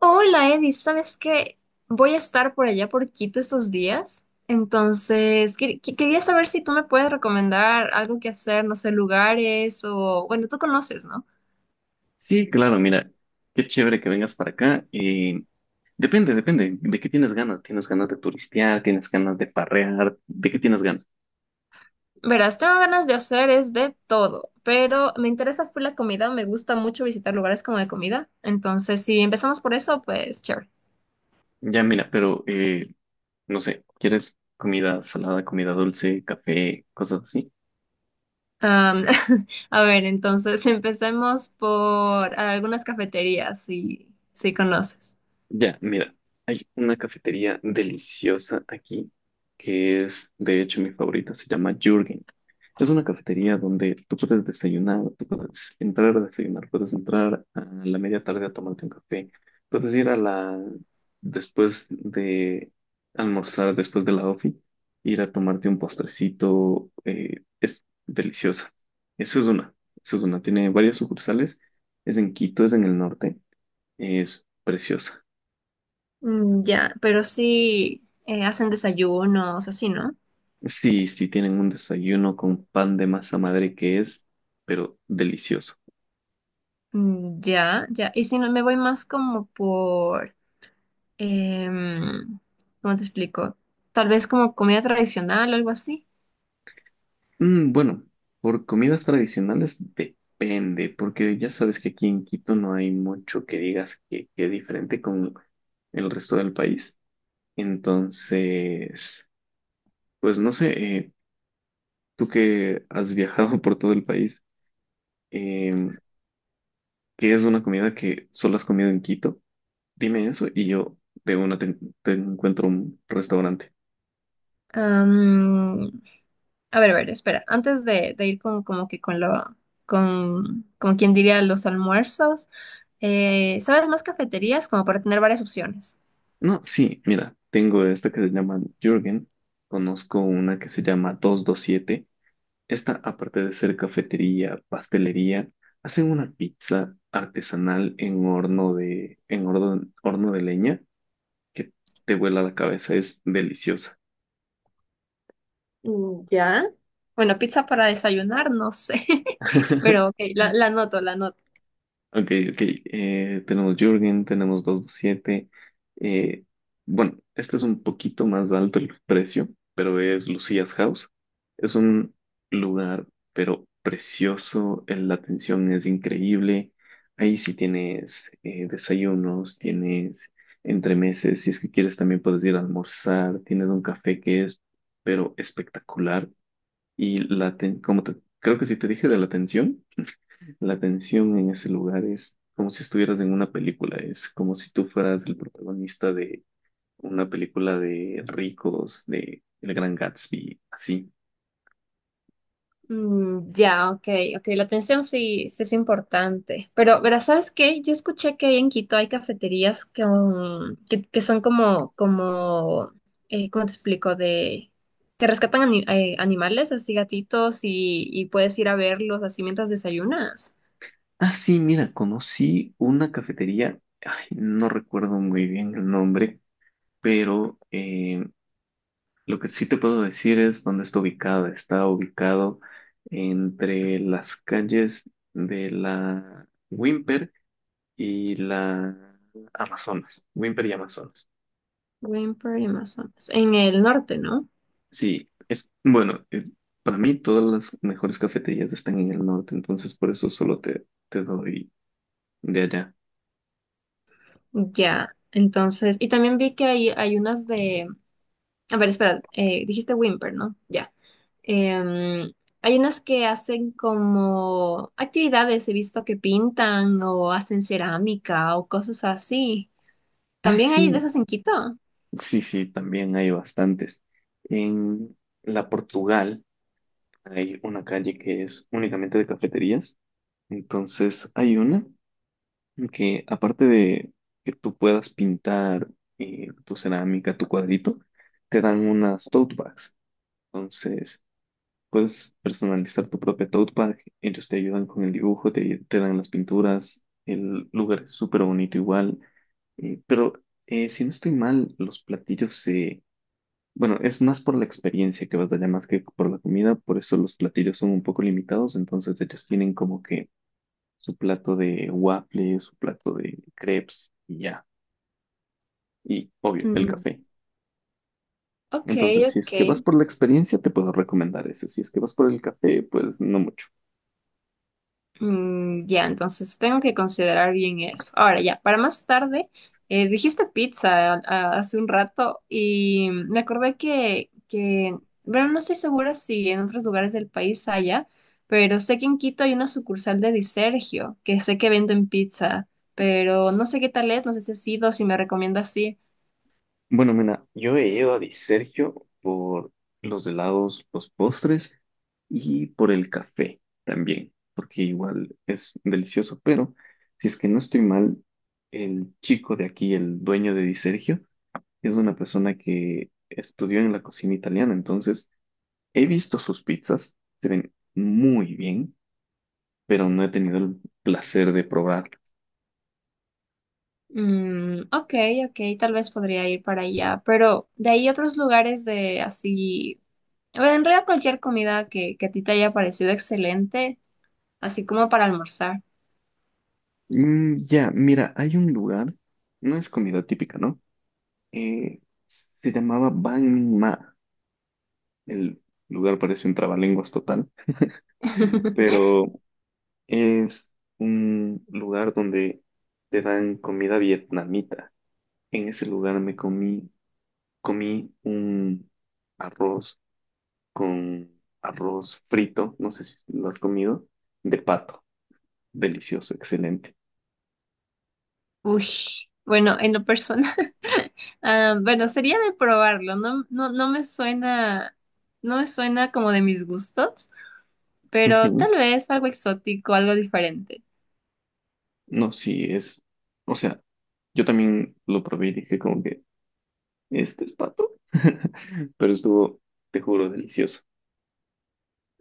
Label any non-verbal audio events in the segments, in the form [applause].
Hola Eddie, ¿sabes qué? Voy a estar por allá por Quito estos días, entonces quería saber si tú me puedes recomendar algo que hacer, no sé, lugares o, bueno, tú conoces, ¿no? Sí, claro, mira, qué chévere que vengas para acá. Depende, depende, ¿de qué tienes ganas? ¿Tienes ganas de turistear? ¿Tienes ganas de parrear? ¿De qué tienes ganas? Verás, tengo ganas de hacer es de todo, pero me interesa fue la comida, me gusta mucho visitar lugares como de comida, entonces si empezamos por eso, pues chévere. Ya, mira, pero no sé, ¿quieres comida salada, comida dulce, café, cosas así? Am, [laughs] a ver, entonces [laughs] empecemos por algunas cafeterías, si conoces. Ya, mira, hay una cafetería deliciosa aquí que es, de hecho, mi favorita, se llama Jürgen. Es una cafetería donde tú puedes desayunar, tú puedes entrar a desayunar, puedes entrar a la media tarde a tomarte un café, puedes ir a la, después de almorzar, después de la ofi, ir a tomarte un postrecito, es deliciosa. Esa es una, esa es una, tiene varias sucursales, es en Quito, es en el norte, es preciosa. Mm, ya, pero sí hacen desayunos, así, ¿no? Sí, sí, tienen un desayuno con pan de masa madre que es, pero delicioso. Mm, ya, ya. Y si no, me voy más como por, em, ¿cómo te explico? Tal vez como comida tradicional o algo así. Bueno, por comidas tradicionales depende, porque ya sabes que aquí en Quito no hay mucho que digas que es diferente con el resto del país. Entonces, pues no sé, eh, tú que has viajado [laughs] por todo el país, eh, ¿qué es una comida que solo has comido en Quito? Dime eso y yo de una te encuentro un restaurante. Am, a ver, espera. Antes de ir con, como que con lo, con, como quien diría los almuerzos, ¿sabes más cafeterías? Como para tener varias opciones. No, sí, mira, tengo esta que se llama Jürgen, conozco una que se llama 227. Esta, aparte de ser cafetería, pastelería, hacen una pizza artesanal en horno de leña que te vuela la cabeza, es deliciosa. Mm, ya. Bueno, pizza para desayunar, no sé, [laughs] pero [laughs] ok, la anoto, la anoto. Ok, ok. Tenemos Jürgen, tenemos 227. eh, bueno, este es un poquito más alto el precio, pero es Lucia's House. Es un lugar, pero precioso. La atención es increíble. Ahí sí tienes desayunos, tienes entremeses. Si es que quieres, también puedes ir a almorzar. Tienes un café que es, pero espectacular. Y la aten- como te- creo que sí te dije de la atención. La tensión en ese lugar es como si estuvieras en una película, es como si tú fueras el protagonista de una película de ricos, de El Gran Gatsby, así. Mm, ya, ok, ok, la atención sí, sí es importante. Pero, verás, ¿sabes qué? Yo escuché que ahí en Quito hay cafeterías que son como, ¿cómo te explico? De, que rescatan animales, así gatitos, y puedes ir a verlos así mientras desayunas. Ah, sí, mira, conocí una cafetería, ay, no recuerdo muy bien el nombre, pero lo que sí te puedo decir es dónde está ubicada. Está ubicado entre las calles de la Wimper y la Amazonas, Wimper y Amazonas. Wimper y Amazonas. En el norte, ¿no? Sí, es bueno, para mí todas las mejores cafeterías están en el norte, entonces por eso solo te doy de allá. Ya, entonces, y también vi que hay unas de. A ver, espera, dijiste Whimper, ¿no? Ya. Em, hay unas que hacen como actividades, he visto que pintan o hacen cerámica o cosas así. Ah, También hay de sí, esas en Quito. sí, sí, también hay bastantes. En la Portugal hay una calle que es únicamente de cafeterías, entonces hay una que aparte de que tú puedas pintar tu cerámica, tu cuadrito, te dan unas tote bags. Entonces. Puedes personalizar tu propia tote bag, ellos te ayudan con el dibujo, te dan las pinturas, el lugar es súper bonito igual, pero si no estoy mal, bueno, es más por la experiencia que vas allá más que por la comida, por eso los platillos son un poco limitados, entonces ellos tienen como que su plato de waffle, su plato de crepes y ya, y obvio, el Mm, café. ok, Entonces, si es ok. que vas por la experiencia, te puedo recomendar ese, si es que vas por el café, pues no mucho. Mm, ya, entonces tengo que considerar bien eso. Ahora, ya, para más tarde, dijiste pizza hace un rato y me acordé que, bueno, no estoy segura si en otros lugares del país haya, pero sé que en Quito hay una sucursal de Di Sergio, que sé que venden pizza, pero no sé qué tal es, no sé si has ido, si me recomienda así. Bueno, mira, yo he ido a Di Sergio por los helados, los postres y por el café también, porque igual es delicioso, pero si es que no estoy mal, el chico de aquí, el dueño de Di Sergio, es una persona que estudió en la cocina italiana, entonces he visto sus pizzas, se ven muy bien, pero no he tenido el placer de probarlas. Mm, ok, ok, tal vez podría ir para allá, pero de ahí otros lugares de así a en realidad cualquier comida que a ti te haya parecido excelente, así como para almorzar. Ya, mira, hay un lugar, no es comida típica, ¿no? eh, Se llamaba Bang Ma. El lugar parece un trabalenguas total, [laughs] pero es un lugar donde te dan comida vietnamita. En ese lugar comí un arroz con arroz frito, no sé si lo has comido, de pato. Delicioso, excelente. Uy, bueno, en lo personal, [laughs] ah, bueno, sería de probarlo. No, no, no me suena, no me suena como de mis gustos, pero Ujú. tal vez algo exótico, algo diferente. No, sí, es, o sea, yo también lo probé y dije como que este es pato. [laughs] Pero estuvo, te juro, delicioso.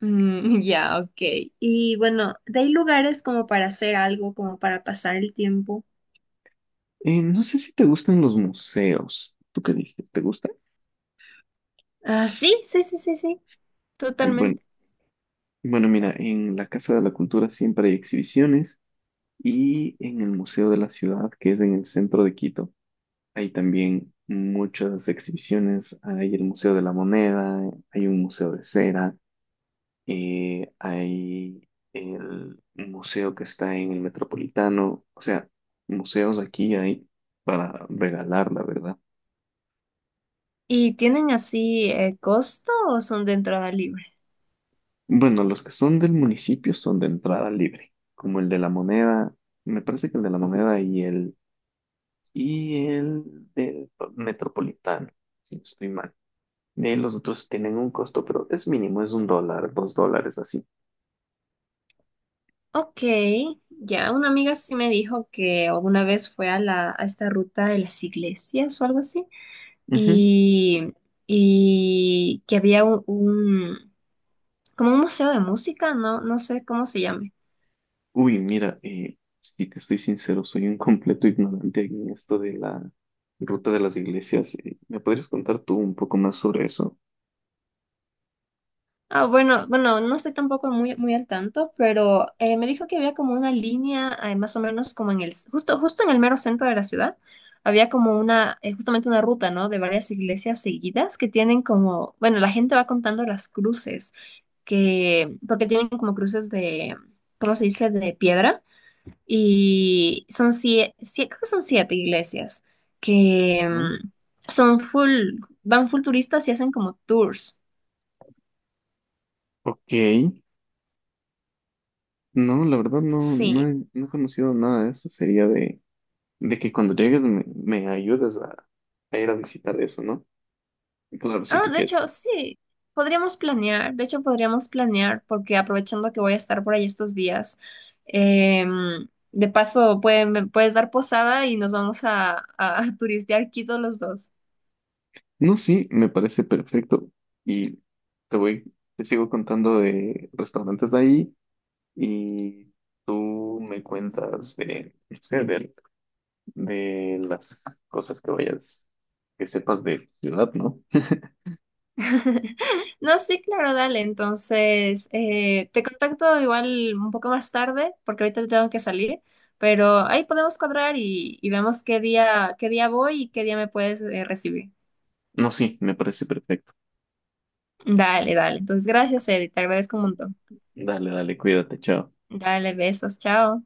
Mm, [laughs] ya, ok. Y bueno, ¿de ahí lugares como para hacer algo, como para pasar el tiempo? No sé si te gustan los museos. ¿Tú qué dices? ¿Te gustan? Ah, sí, sí, sí, sí, sí, Bueno, totalmente. bueno, mira, en la Casa de la Cultura siempre hay exhibiciones y en el Museo de la Ciudad, que es en el centro de Quito, hay también muchas exhibiciones. Hay el Museo de la Moneda, hay un museo de cera. Hay el museo que está en el Metropolitano, o sea, museos aquí hay para regalar, la verdad. ¿Y tienen así costo o son de entrada libre? Bueno, los que son del municipio son de entrada libre, como el de la Moneda, me parece que el de la Moneda y el del Metropolitano, si no estoy mal. Los otros tienen un costo, pero es mínimo, es $1, $2 así. Ok, ya una amiga sí me dijo que alguna vez fue a a esta ruta de las iglesias o algo así, Ujú. y, y que había como un museo de música, no, no sé cómo se llame. Uy, mira, si te estoy sincero, soy un completo ignorante en esto de la ruta de las iglesias. ¿Me podrías contar tú un poco más sobre eso? Ah, bueno, bueno, no estoy tampoco muy, muy al tanto, pero me dijo que había como una línea, más o menos como en el, justo, justo en el mero centro de la ciudad, había como una, justamente una ruta, ¿no? De varias iglesias seguidas que tienen como, bueno, la gente va contando las cruces, que, porque tienen como cruces de, ¿cómo se dice? De piedra, y son siete, creo que son siete iglesias, que ¿No? Son full, van full turistas y hacen como tours. Ok, no, la verdad no, no Sí, he, no he conocido nada de eso. Sería de que cuando llegues me ayudes a ir a visitar eso, ¿no? Claro, si ah, tú de hecho, quieres. sí, podríamos planear, de hecho podríamos planear porque aprovechando que voy a estar por ahí estos días, de paso me puedes dar posada y nos vamos a, [laughs] turistear Quito los dos. No, sí, me parece perfecto. Y te sigo contando de restaurantes de ahí y tú me cuentas de, no sé, de las cosas que vayas, que sepas de ciudad, ¿no? [laughs] No, sí, claro, dale, entonces te contacto igual un poco más tarde porque ahorita tengo que salir, pero ahí podemos cuadrar y vemos qué día voy y qué día me puedes recibir. No, sí, me parece perfecto. Dale, dale, entonces gracias, Eddie, te agradezco un montón. Dale, dale, cuídate, chao. Dale, besos, chao.